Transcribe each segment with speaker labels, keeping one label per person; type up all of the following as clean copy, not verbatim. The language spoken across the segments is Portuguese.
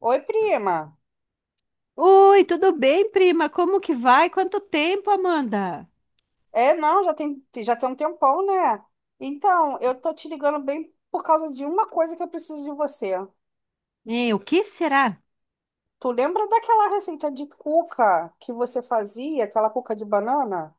Speaker 1: Oi, prima.
Speaker 2: Oi, tudo bem, prima? Como que vai? Quanto tempo, Amanda?
Speaker 1: É, não, já tem um tempão, né? Então, eu tô te ligando bem por causa de uma coisa que eu preciso de você.
Speaker 2: É, o que será?
Speaker 1: Tu lembra daquela receita de cuca que você fazia, aquela cuca de banana?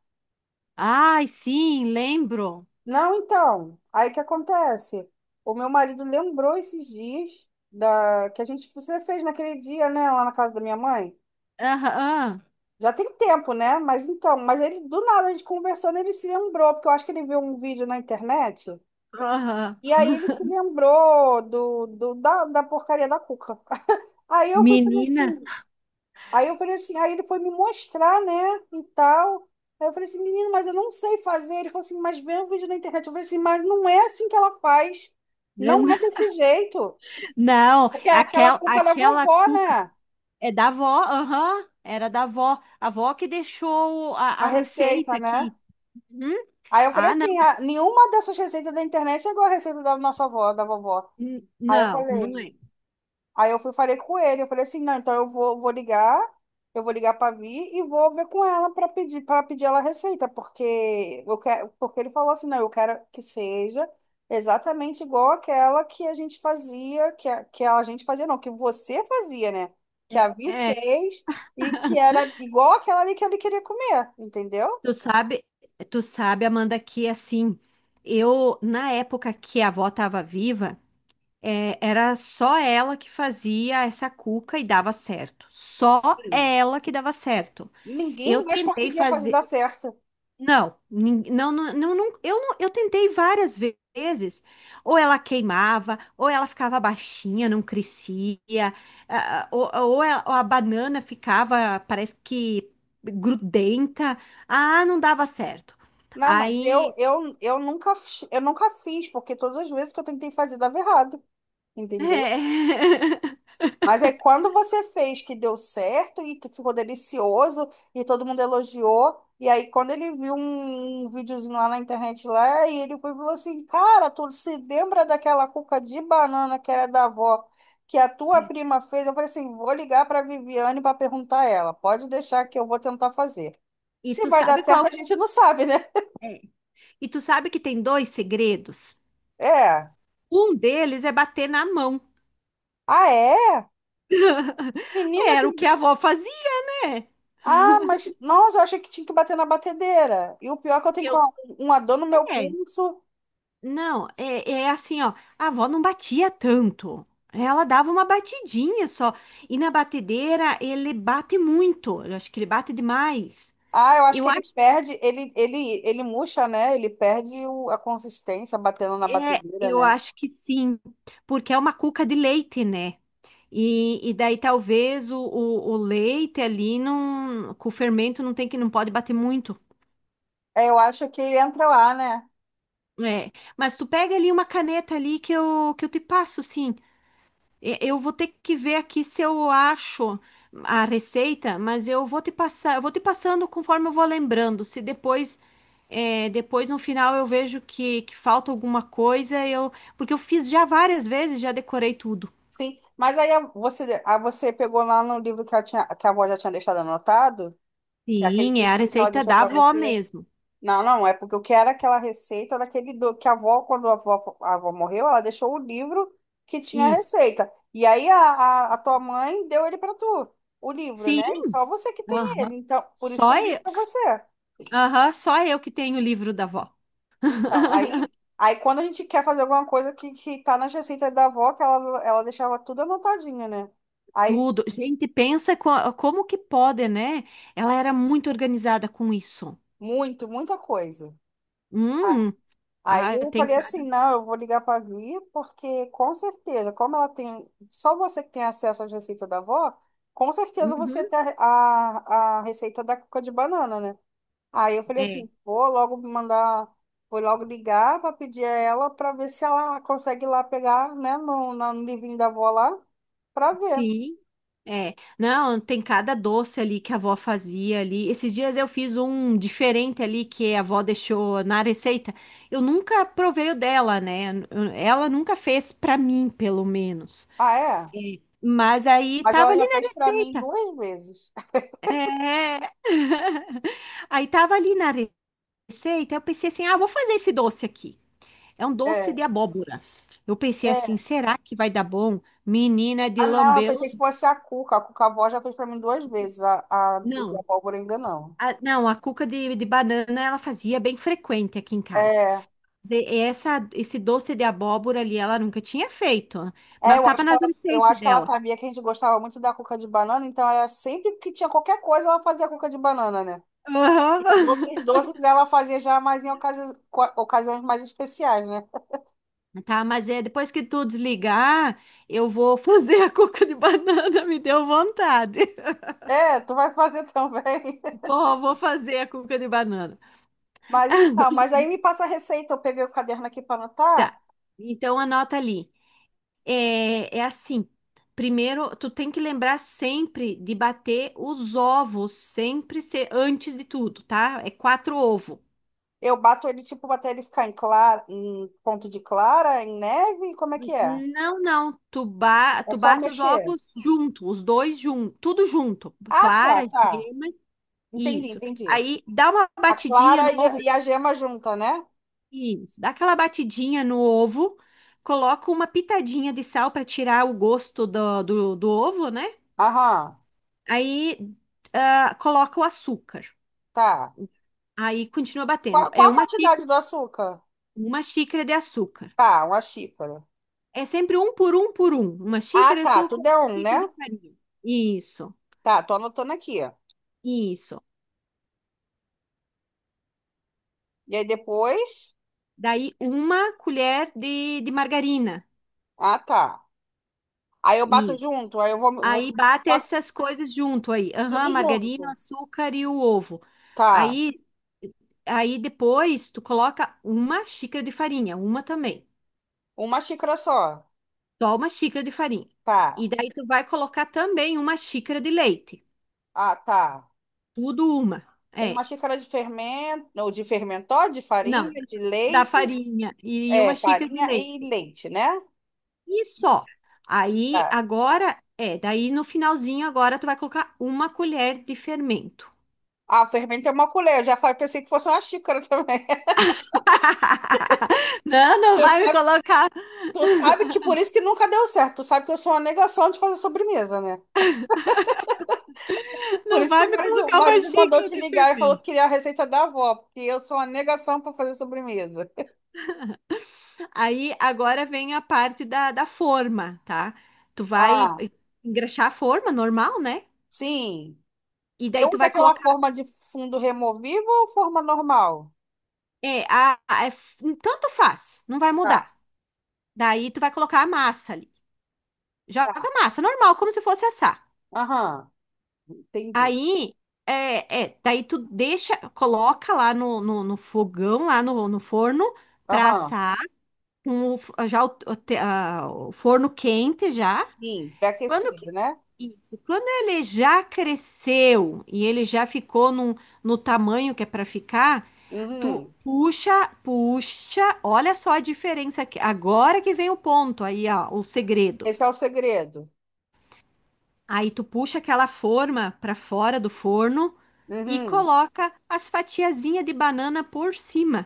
Speaker 2: Ai, sim, lembro.
Speaker 1: Não, então. Aí o que acontece? O meu marido lembrou esses dias da que a gente você fez naquele dia, né, lá na casa da minha mãe.
Speaker 2: Aham,
Speaker 1: Já tem tempo, né? Mas então, mas ele do nada, a gente conversando, ele se lembrou, porque eu acho que ele viu um vídeo na internet.
Speaker 2: aham.
Speaker 1: E aí ele se lembrou da porcaria da cuca. Aí eu fui falei
Speaker 2: Menina.
Speaker 1: assim, aí eu falei assim, aí ele foi me mostrar, né, e tal. Aí eu falei assim, menino, mas eu não sei fazer. Ele falou assim, mas vê um vídeo na internet. Eu falei assim, mas não é assim que ela faz. Não é desse jeito.
Speaker 2: Não,
Speaker 1: Porque é aquela cuca da
Speaker 2: aquela
Speaker 1: vovó,
Speaker 2: cuca
Speaker 1: né?
Speaker 2: é da avó, aham, era da avó. A avó que deixou a,
Speaker 1: A
Speaker 2: a receita
Speaker 1: receita, né?
Speaker 2: aqui. Hum?
Speaker 1: Aí eu falei
Speaker 2: Ah, não,
Speaker 1: assim, "Ah, nenhuma dessas receitas da internet é igual a receita da nossa avó, da vovó." Aí eu
Speaker 2: Não, não
Speaker 1: falei,
Speaker 2: é.
Speaker 1: aí eu fui, falei com ele, eu falei assim, não, então eu vou, vou ligar, eu vou ligar para Vi e vou ver com ela para pedir ela a receita, porque eu quero, porque ele falou assim, não, eu quero que seja exatamente igual aquela que a gente fazia, que a gente fazia, não, que você fazia, né? Que a Vi
Speaker 2: É, é,
Speaker 1: fez e que era igual aquela ali que ele queria comer, entendeu?
Speaker 2: tu sabe, tu sabe, Amanda, que assim, eu, na época que a avó estava viva, é, era só ela que fazia essa cuca e dava certo. Só
Speaker 1: Sim.
Speaker 2: ela que dava certo. Eu
Speaker 1: Ninguém mais
Speaker 2: tentei
Speaker 1: conseguia fazer dar
Speaker 2: fazer.
Speaker 1: certo.
Speaker 2: Não, eu tentei várias vezes. Ou ela queimava, ou ela ficava baixinha, não crescia, ou a banana ficava, parece que grudenta. Ah, não dava certo.
Speaker 1: Não, mas eu,
Speaker 2: Aí.
Speaker 1: eu nunca fiz, porque todas as vezes que eu tentei fazer dava errado. Entendeu? Mas é quando você fez que deu certo e tu ficou delicioso e todo mundo elogiou. E aí, quando ele viu um videozinho lá na internet lá, e ele foi e falou assim: "Cara, tu se lembra daquela cuca de banana que era da avó, que a tua prima fez?" Eu falei assim: "Vou ligar pra Viviane pra perguntar a ela. Pode deixar que eu vou tentar fazer."
Speaker 2: E
Speaker 1: Se
Speaker 2: tu
Speaker 1: vai dar
Speaker 2: sabe qual.
Speaker 1: certo, a gente não sabe, né?
Speaker 2: É, e tu sabe que tem dois segredos?
Speaker 1: É.
Speaker 2: Um deles é bater na mão.
Speaker 1: Ah, é? Menina,
Speaker 2: Era o que a avó fazia, né?
Speaker 1: ah, mas nossa, eu achei que tinha que bater na batedeira. E o pior é que eu tenho
Speaker 2: Eu
Speaker 1: uma dor no meu
Speaker 2: é.
Speaker 1: pulso.
Speaker 2: Não, é assim, ó. A avó não batia tanto. Ela dava uma batidinha só. E na batedeira ele bate muito. Eu acho que ele bate demais.
Speaker 1: Ah, eu acho que
Speaker 2: Eu
Speaker 1: ele
Speaker 2: acho,
Speaker 1: perde, ele murcha, né? Ele perde a consistência batendo na
Speaker 2: é,
Speaker 1: batedeira,
Speaker 2: eu
Speaker 1: né?
Speaker 2: acho que sim, porque é uma cuca de leite, né? E daí talvez o leite ali não, com o fermento não tem que não pode bater muito.
Speaker 1: É, eu acho que entra lá, né?
Speaker 2: É, mas tu pega ali uma caneta ali que eu te passo, sim. Eu vou ter que ver aqui se eu acho a receita, mas eu vou te passar, eu vou te passando conforme eu vou lembrando. Se depois, depois no final eu vejo que falta alguma coisa, eu, porque eu fiz já várias vezes, já decorei tudo.
Speaker 1: Sim. Mas aí você, a você pegou lá no livro que, eu tinha, que a avó já tinha deixado anotado, que é aquele
Speaker 2: Sim, é a
Speaker 1: livrinho que ela
Speaker 2: receita
Speaker 1: deixou
Speaker 2: da
Speaker 1: pra
Speaker 2: avó
Speaker 1: você.
Speaker 2: mesmo.
Speaker 1: Não, não, é porque o que era aquela receita daquele do... que a avó, quando a avó morreu, ela deixou o livro que tinha a
Speaker 2: Isso.
Speaker 1: receita. E aí a tua mãe deu ele para tu, o livro, né?
Speaker 2: Sim.
Speaker 1: E só você que tem
Speaker 2: Aham.
Speaker 1: ele. Então, por isso que
Speaker 2: Só
Speaker 1: eu liguei
Speaker 2: eu,
Speaker 1: para você.
Speaker 2: aham, só eu que tenho o livro da avó.
Speaker 1: Então, aí, aí quando a gente quer fazer alguma coisa que tá nas receitas da avó, que ela deixava tudo anotadinho, né? Aí,
Speaker 2: Tudo. Gente, pensa como que pode, né? Ela era muito organizada com isso.
Speaker 1: muito, muita coisa.
Speaker 2: Hum,
Speaker 1: Aí
Speaker 2: ah,
Speaker 1: eu
Speaker 2: tem
Speaker 1: falei assim,
Speaker 2: cada.
Speaker 1: não, eu vou ligar para a Vi, porque com certeza, como ela tem, só você que tem acesso às receitas da avó, com certeza você
Speaker 2: Uhum,
Speaker 1: tem a receita da cuca de banana, né? Aí eu falei
Speaker 2: é,
Speaker 1: assim, vou logo mandar, vou logo ligar para pedir a ela para ver se ela consegue ir lá pegar, né, no livrinho da avó lá, para ver.
Speaker 2: sim, é. Não, tem cada doce ali que a avó fazia ali. Esses dias eu fiz um diferente ali que a avó deixou na receita. Eu nunca provei o dela, né? Ela nunca fez para mim, pelo menos.
Speaker 1: Ah, é?
Speaker 2: É, mas aí
Speaker 1: Mas
Speaker 2: tava
Speaker 1: ela
Speaker 2: ali
Speaker 1: já fez
Speaker 2: na
Speaker 1: para mim
Speaker 2: receita.
Speaker 1: 2 vezes.
Speaker 2: É. Aí tava ali na, pensei, então eu pensei assim, ah, vou fazer esse doce aqui. É um doce de
Speaker 1: É.
Speaker 2: abóbora. Eu pensei assim,
Speaker 1: É.
Speaker 2: será que vai dar bom? Menina de
Speaker 1: Ah, não, eu pensei que
Speaker 2: lambeus.
Speaker 1: fosse a Cuca. A Cuca Vó já fez pra mim 2 vezes. E a
Speaker 2: Não,
Speaker 1: Pólvora ainda não.
Speaker 2: a cuca de banana ela fazia bem frequente aqui em casa.
Speaker 1: É,
Speaker 2: Esse doce de abóbora ali ela nunca tinha feito,
Speaker 1: é,
Speaker 2: mas
Speaker 1: eu
Speaker 2: estava
Speaker 1: acho que
Speaker 2: nas
Speaker 1: ela, eu
Speaker 2: receitas
Speaker 1: acho que ela
Speaker 2: dela.
Speaker 1: sabia que a gente gostava muito da cuca de banana, então era sempre que tinha qualquer coisa, ela fazia cuca de banana, né?
Speaker 2: Aham.
Speaker 1: E os outros doces ela fazia já mais em ocasiões mais especiais, né?
Speaker 2: Tá, mas é depois que tu desligar, eu vou fazer a cuca de banana, me deu vontade.
Speaker 1: É, tu vai fazer também.
Speaker 2: Vou fazer a cuca de banana.
Speaker 1: Mas então, mas aí me passa a receita, eu peguei o caderno aqui para anotar,
Speaker 2: Tá. Então anota ali. É assim. Primeiro, tu tem que lembrar sempre de bater os ovos, sempre ser antes de tudo, tá? É quatro ovos.
Speaker 1: eu bato ele tipo até ele ficar em clara, em ponto de clara, em neve, como é que é?
Speaker 2: Não, não. Tu, ba
Speaker 1: É
Speaker 2: tu
Speaker 1: só
Speaker 2: bate os
Speaker 1: mexer.
Speaker 2: ovos junto, os dois junto, tudo junto.
Speaker 1: Ah,
Speaker 2: Clara,
Speaker 1: tá, tá.
Speaker 2: gema,
Speaker 1: Entendi,
Speaker 2: isso.
Speaker 1: entendi.
Speaker 2: Aí dá uma
Speaker 1: A
Speaker 2: batidinha no
Speaker 1: clara
Speaker 2: ovo,
Speaker 1: e a gema junta, né?
Speaker 2: isso. Dá aquela batidinha no ovo, coloca uma pitadinha de sal para tirar o gosto do ovo, né?
Speaker 1: Aham,
Speaker 2: Aí, coloca o açúcar.
Speaker 1: tá.
Speaker 2: Aí continua batendo.
Speaker 1: Qual,
Speaker 2: É
Speaker 1: qual a quantidade do açúcar?
Speaker 2: uma xícara de açúcar.
Speaker 1: Tá, uma xícara.
Speaker 2: É sempre um por um por um. Uma
Speaker 1: Ah,
Speaker 2: xícara de
Speaker 1: tá.
Speaker 2: açúcar,
Speaker 1: Tudo
Speaker 2: uma
Speaker 1: é um,
Speaker 2: xícara
Speaker 1: né?
Speaker 2: de farinha. Isso,
Speaker 1: Tá, tô anotando aqui.
Speaker 2: isso.
Speaker 1: E aí depois.
Speaker 2: Daí uma colher de margarina.
Speaker 1: Ah, tá. Aí eu bato
Speaker 2: Isso.
Speaker 1: junto, aí eu vou, vou
Speaker 2: Aí bate
Speaker 1: bato
Speaker 2: essas coisas junto aí. Aham,
Speaker 1: tudo
Speaker 2: margarina,
Speaker 1: junto.
Speaker 2: açúcar e o ovo.
Speaker 1: Tá.
Speaker 2: Aí, aí depois tu coloca uma xícara de farinha, uma também.
Speaker 1: Uma xícara só.
Speaker 2: Só uma xícara de farinha. E
Speaker 1: Tá.
Speaker 2: daí tu vai colocar também uma xícara de leite.
Speaker 1: Ah, tá.
Speaker 2: Tudo uma.
Speaker 1: Uma
Speaker 2: É,
Speaker 1: xícara de fermento, ou de fermentó, de
Speaker 2: não,
Speaker 1: farinha, de
Speaker 2: da
Speaker 1: leite.
Speaker 2: farinha e
Speaker 1: É,
Speaker 2: uma xícara de
Speaker 1: farinha e
Speaker 2: leite.
Speaker 1: leite, né?
Speaker 2: E só. Aí
Speaker 1: Tá.
Speaker 2: agora daí no finalzinho agora tu vai colocar uma colher de fermento.
Speaker 1: Ah, fermento é uma colher. Eu já falei, pensei que fosse uma xícara também.
Speaker 2: Não,
Speaker 1: Tu sabe, tu sabe que por isso que nunca deu certo. Tu sabe que eu sou uma negação de fazer sobremesa, né? Por
Speaker 2: não
Speaker 1: isso que
Speaker 2: vai me
Speaker 1: o
Speaker 2: colocar uma
Speaker 1: marido mandou
Speaker 2: xícara
Speaker 1: te
Speaker 2: de
Speaker 1: ligar e falou que
Speaker 2: fermento.
Speaker 1: queria a receita da avó, porque eu sou uma negação para fazer sobremesa.
Speaker 2: Aí agora vem a parte da forma, tá? Tu vai
Speaker 1: Ah,
Speaker 2: engraxar a forma normal, né?
Speaker 1: sim.
Speaker 2: E
Speaker 1: Eu
Speaker 2: daí tu
Speaker 1: uso
Speaker 2: vai
Speaker 1: aquela
Speaker 2: colocar.
Speaker 1: forma de fundo removível ou forma normal?
Speaker 2: É tanto faz, não vai
Speaker 1: Tá,
Speaker 2: mudar. Daí tu vai colocar a massa ali. Joga
Speaker 1: tá.
Speaker 2: a massa, normal, como se fosse assar.
Speaker 1: Aham, entendi.
Speaker 2: Aí, daí tu deixa, coloca lá no fogão, lá no forno, pra
Speaker 1: Aham,
Speaker 2: assar, com o, f- já o te- a- o forno quente já.
Speaker 1: sim,
Speaker 2: Quando, que-
Speaker 1: pré-aquecido, né?
Speaker 2: isso, quando ele já cresceu e ele já ficou no tamanho que é pra ficar, tu
Speaker 1: Uhum.
Speaker 2: puxa, puxa, olha só a diferença aqui. Agora que vem o ponto aí, ó, o segredo.
Speaker 1: Esse é o segredo.
Speaker 2: Aí tu puxa aquela forma para fora do forno e
Speaker 1: Uhum.
Speaker 2: coloca as fatiazinhas de banana por cima.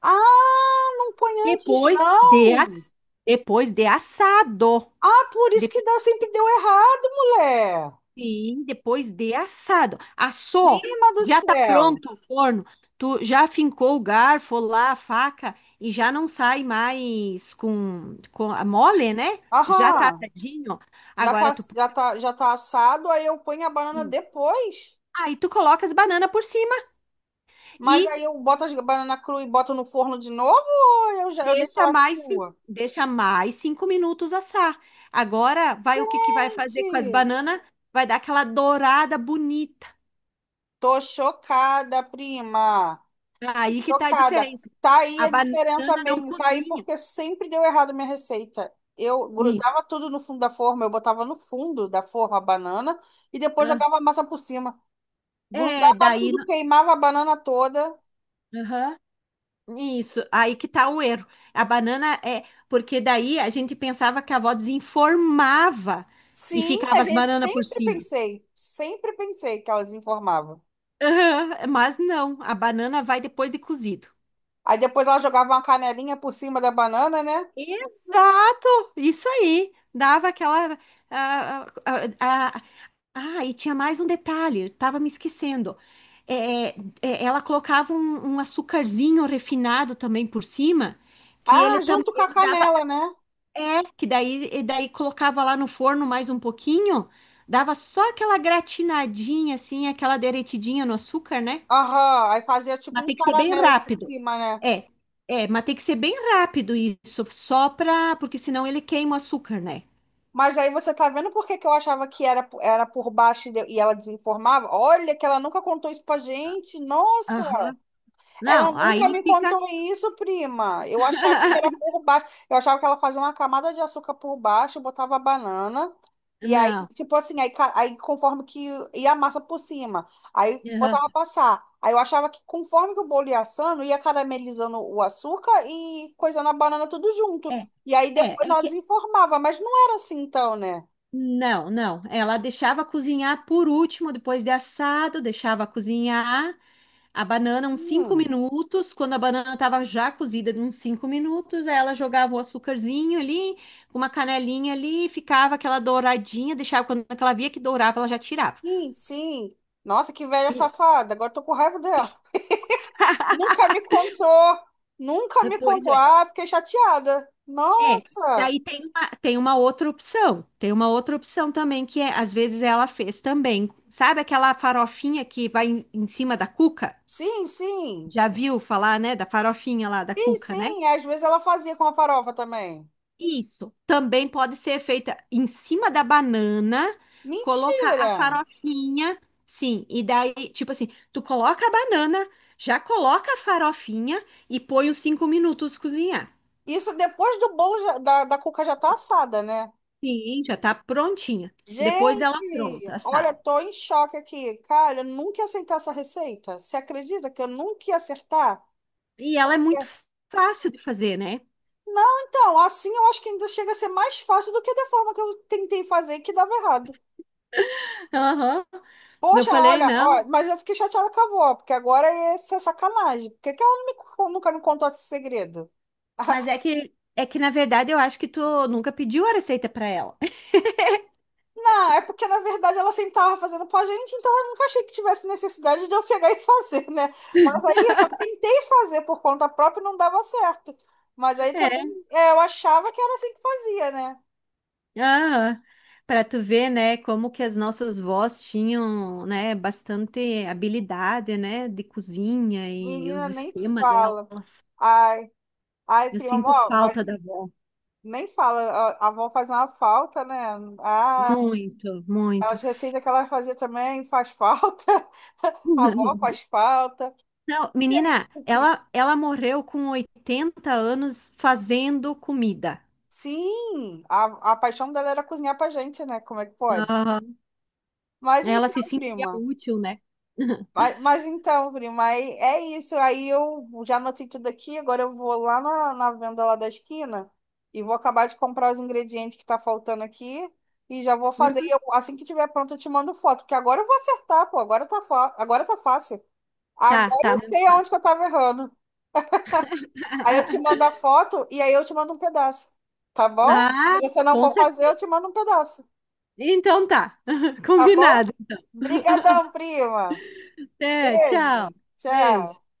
Speaker 1: Ah, não põe antes,
Speaker 2: Depois de,
Speaker 1: não.
Speaker 2: as, depois de assado.
Speaker 1: Ah, por isso que dá, sempre deu errado, mulher.
Speaker 2: Sim, depois de assado. Assou,
Speaker 1: Prima do
Speaker 2: já tá
Speaker 1: céu.
Speaker 2: pronto o forno. Tu já fincou o garfo lá, a faca, e já não sai mais com a mole, né? Já tá
Speaker 1: Aham.
Speaker 2: assadinho.
Speaker 1: Já
Speaker 2: Agora
Speaker 1: tá,
Speaker 2: tu puxa
Speaker 1: já tá assado, aí eu ponho a banana
Speaker 2: aqui.
Speaker 1: depois.
Speaker 2: Aí tu coloca as bananas por cima
Speaker 1: Mas
Speaker 2: e
Speaker 1: aí eu boto as banana crua e boto no forno de novo, ou eu, já, eu deixo
Speaker 2: deixa
Speaker 1: ela
Speaker 2: mais, cin-
Speaker 1: crua?
Speaker 2: deixa mais cinco minutos assar. Agora vai o que que vai fazer com as
Speaker 1: Gente,
Speaker 2: bananas? Vai dar aquela dourada bonita.
Speaker 1: tô chocada, prima.
Speaker 2: Aí que tá a
Speaker 1: Chocada.
Speaker 2: diferença.
Speaker 1: Tá aí
Speaker 2: A
Speaker 1: a diferença
Speaker 2: banana não
Speaker 1: mesmo. Tá aí
Speaker 2: cozinha.
Speaker 1: porque sempre deu errado minha receita. Eu grudava tudo no fundo da forma, eu botava no fundo da forma a banana e depois
Speaker 2: Ah,
Speaker 1: jogava a massa por cima.
Speaker 2: é,
Speaker 1: Grudava
Speaker 2: daí,
Speaker 1: tudo, queimava a banana toda.
Speaker 2: aham, isso, aí que tá o erro. A banana é. Porque daí a gente pensava que a avó desinformava e
Speaker 1: Sim, a
Speaker 2: ficava as
Speaker 1: gente
Speaker 2: bananas por cima.
Speaker 1: sempre pensei que elas informavam.
Speaker 2: Aham, mas não, a banana vai depois de cozido.
Speaker 1: Aí depois ela jogava uma canelinha por cima da banana, né?
Speaker 2: Exato! Isso aí. Dava aquela. Ah, ah, ah, ah, e tinha mais um detalhe, eu tava me esquecendo. É, é, é, ela colocava um açucarzinho refinado também por cima, que
Speaker 1: Ah,
Speaker 2: ele
Speaker 1: junto com a
Speaker 2: também
Speaker 1: canela, né?
Speaker 2: é, que daí, e daí colocava lá no forno mais um pouquinho, dava só aquela gratinadinha assim, aquela derretidinha no açúcar, né?
Speaker 1: Aham, aí fazia tipo
Speaker 2: Mas
Speaker 1: um
Speaker 2: tem que ser bem
Speaker 1: caramelo por
Speaker 2: rápido.
Speaker 1: cima, né?
Speaker 2: É, mas tem que ser bem rápido isso, só pra, porque senão ele queima o açúcar, né?
Speaker 1: Mas aí você tá vendo por que que eu achava que era, era por baixo e e ela desinformava? Olha, que ela nunca contou isso pra gente. Nossa,
Speaker 2: Aham.
Speaker 1: ela
Speaker 2: Não,
Speaker 1: nunca
Speaker 2: aí
Speaker 1: me
Speaker 2: fica.
Speaker 1: contou isso, prima. Eu achava que era por baixo. Eu achava que ela fazia uma camada de açúcar por baixo, botava a banana. E aí,
Speaker 2: Não.
Speaker 1: tipo assim, aí, aí conforme que ia a massa por cima, aí
Speaker 2: Aham.
Speaker 1: botava a passar. Aí eu achava que conforme que o bolo ia assando, ia caramelizando o açúcar e coisando a banana tudo junto.
Speaker 2: É,
Speaker 1: E aí depois
Speaker 2: é
Speaker 1: ela
Speaker 2: que.
Speaker 1: desinformava, mas não era assim então, né?
Speaker 2: Não, não. Ela deixava cozinhar por último, depois de assado, deixava cozinhar. A banana, uns cinco
Speaker 1: Hum,
Speaker 2: minutos, quando a banana estava já cozida, uns 5 minutos, aí ela jogava o açúcarzinho ali, uma canelinha ali, ficava aquela douradinha, deixava, quando ela via que dourava, ela já tirava.
Speaker 1: sim, sim. Nossa, que velha
Speaker 2: E-
Speaker 1: safada. Agora tô com raiva dela. Nunca me contou. Nunca me
Speaker 2: Pois
Speaker 1: contou.
Speaker 2: é.
Speaker 1: Ah, fiquei chateada.
Speaker 2: É.
Speaker 1: Nossa.
Speaker 2: Daí tem uma, tem uma outra opção também, que é, às vezes ela fez também. Sabe aquela farofinha que vai em cima da cuca?
Speaker 1: Sim, sim.
Speaker 2: Já viu falar, né, da farofinha lá da
Speaker 1: Sim,
Speaker 2: cuca, né?
Speaker 1: sim. Às vezes ela fazia com a farofa também.
Speaker 2: Isso também pode ser feita em cima da banana, colocar a
Speaker 1: Mentira.
Speaker 2: farofinha, sim, e daí, tipo assim, tu coloca a banana, já coloca a farofinha e põe os 5 minutos cozinhar.
Speaker 1: Isso depois do bolo da cuca já tá assada, né?
Speaker 2: Sim, já tá prontinha. Depois dela
Speaker 1: Gente,
Speaker 2: pronta,
Speaker 1: olha,
Speaker 2: sabe?
Speaker 1: tô em choque aqui. Cara, eu nunca ia aceitar essa receita. Você acredita que eu nunca ia acertar?
Speaker 2: E ela é muito fácil de fazer, né?
Speaker 1: Não, então, assim eu acho que ainda chega a ser mais fácil do que da forma que eu tentei fazer que dava errado.
Speaker 2: Aham. Eu
Speaker 1: Poxa,
Speaker 2: falei,
Speaker 1: olha,
Speaker 2: não,
Speaker 1: ó, mas eu fiquei chateada com a avó, porque agora essa é sacanagem. Por que que ela não nunca me contou esse segredo?
Speaker 2: mas é que na verdade eu acho que tu nunca pediu a receita para ela.
Speaker 1: Não, é porque na verdade ela sempre estava fazendo pra gente, então eu nunca achei que tivesse necessidade de eu pegar e fazer, né? Mas aí eu já tentei fazer por conta própria e não dava certo. Mas aí também é, eu achava que ela sempre fazia, né?
Speaker 2: Ah, para tu ver, né, como que as nossas vós tinham, né, bastante habilidade, né, de cozinha e os
Speaker 1: Menina nem
Speaker 2: esquemas
Speaker 1: fala.
Speaker 2: delas.
Speaker 1: Ai, ai,
Speaker 2: Eu
Speaker 1: prima,
Speaker 2: sinto
Speaker 1: ó,
Speaker 2: falta da
Speaker 1: mas
Speaker 2: avó.
Speaker 1: nem fala, a avó faz uma falta, né? Ah,
Speaker 2: Muito, muito.
Speaker 1: as receitas que ela fazia também faz falta. A avó faz falta.
Speaker 2: Não,
Speaker 1: E aí,
Speaker 2: menina, ela morreu com 80 anos fazendo comida.
Speaker 1: sim, a paixão dela era cozinhar pra gente, né? Como é que pode?
Speaker 2: Aham.
Speaker 1: Mas
Speaker 2: Ela se
Speaker 1: então,
Speaker 2: sentia
Speaker 1: prima.
Speaker 2: útil, né?
Speaker 1: Mas então, prima, aí é isso. Aí eu já anotei tudo aqui. Agora eu vou lá na, na venda lá da esquina e vou acabar de comprar os ingredientes que tá faltando aqui e já vou fazer. E
Speaker 2: Uhum.
Speaker 1: eu, assim que tiver pronto, eu te mando foto, porque agora eu vou acertar, pô. Agora tá, agora tá fácil.
Speaker 2: Tá,
Speaker 1: Agora
Speaker 2: tá,
Speaker 1: eu
Speaker 2: muito
Speaker 1: sei aonde que
Speaker 2: fácil.
Speaker 1: eu tava errando. Aí eu te mando a foto e aí eu te mando um pedaço. Tá bom? Se
Speaker 2: Ah,
Speaker 1: você não
Speaker 2: com
Speaker 1: for fazer, eu
Speaker 2: certeza.
Speaker 1: te mando um pedaço.
Speaker 2: Então tá,
Speaker 1: Tá bom?
Speaker 2: combinado.
Speaker 1: Brigadão, prima.
Speaker 2: Até,
Speaker 1: Beijo.
Speaker 2: tchau.
Speaker 1: Tchau.
Speaker 2: Beijo.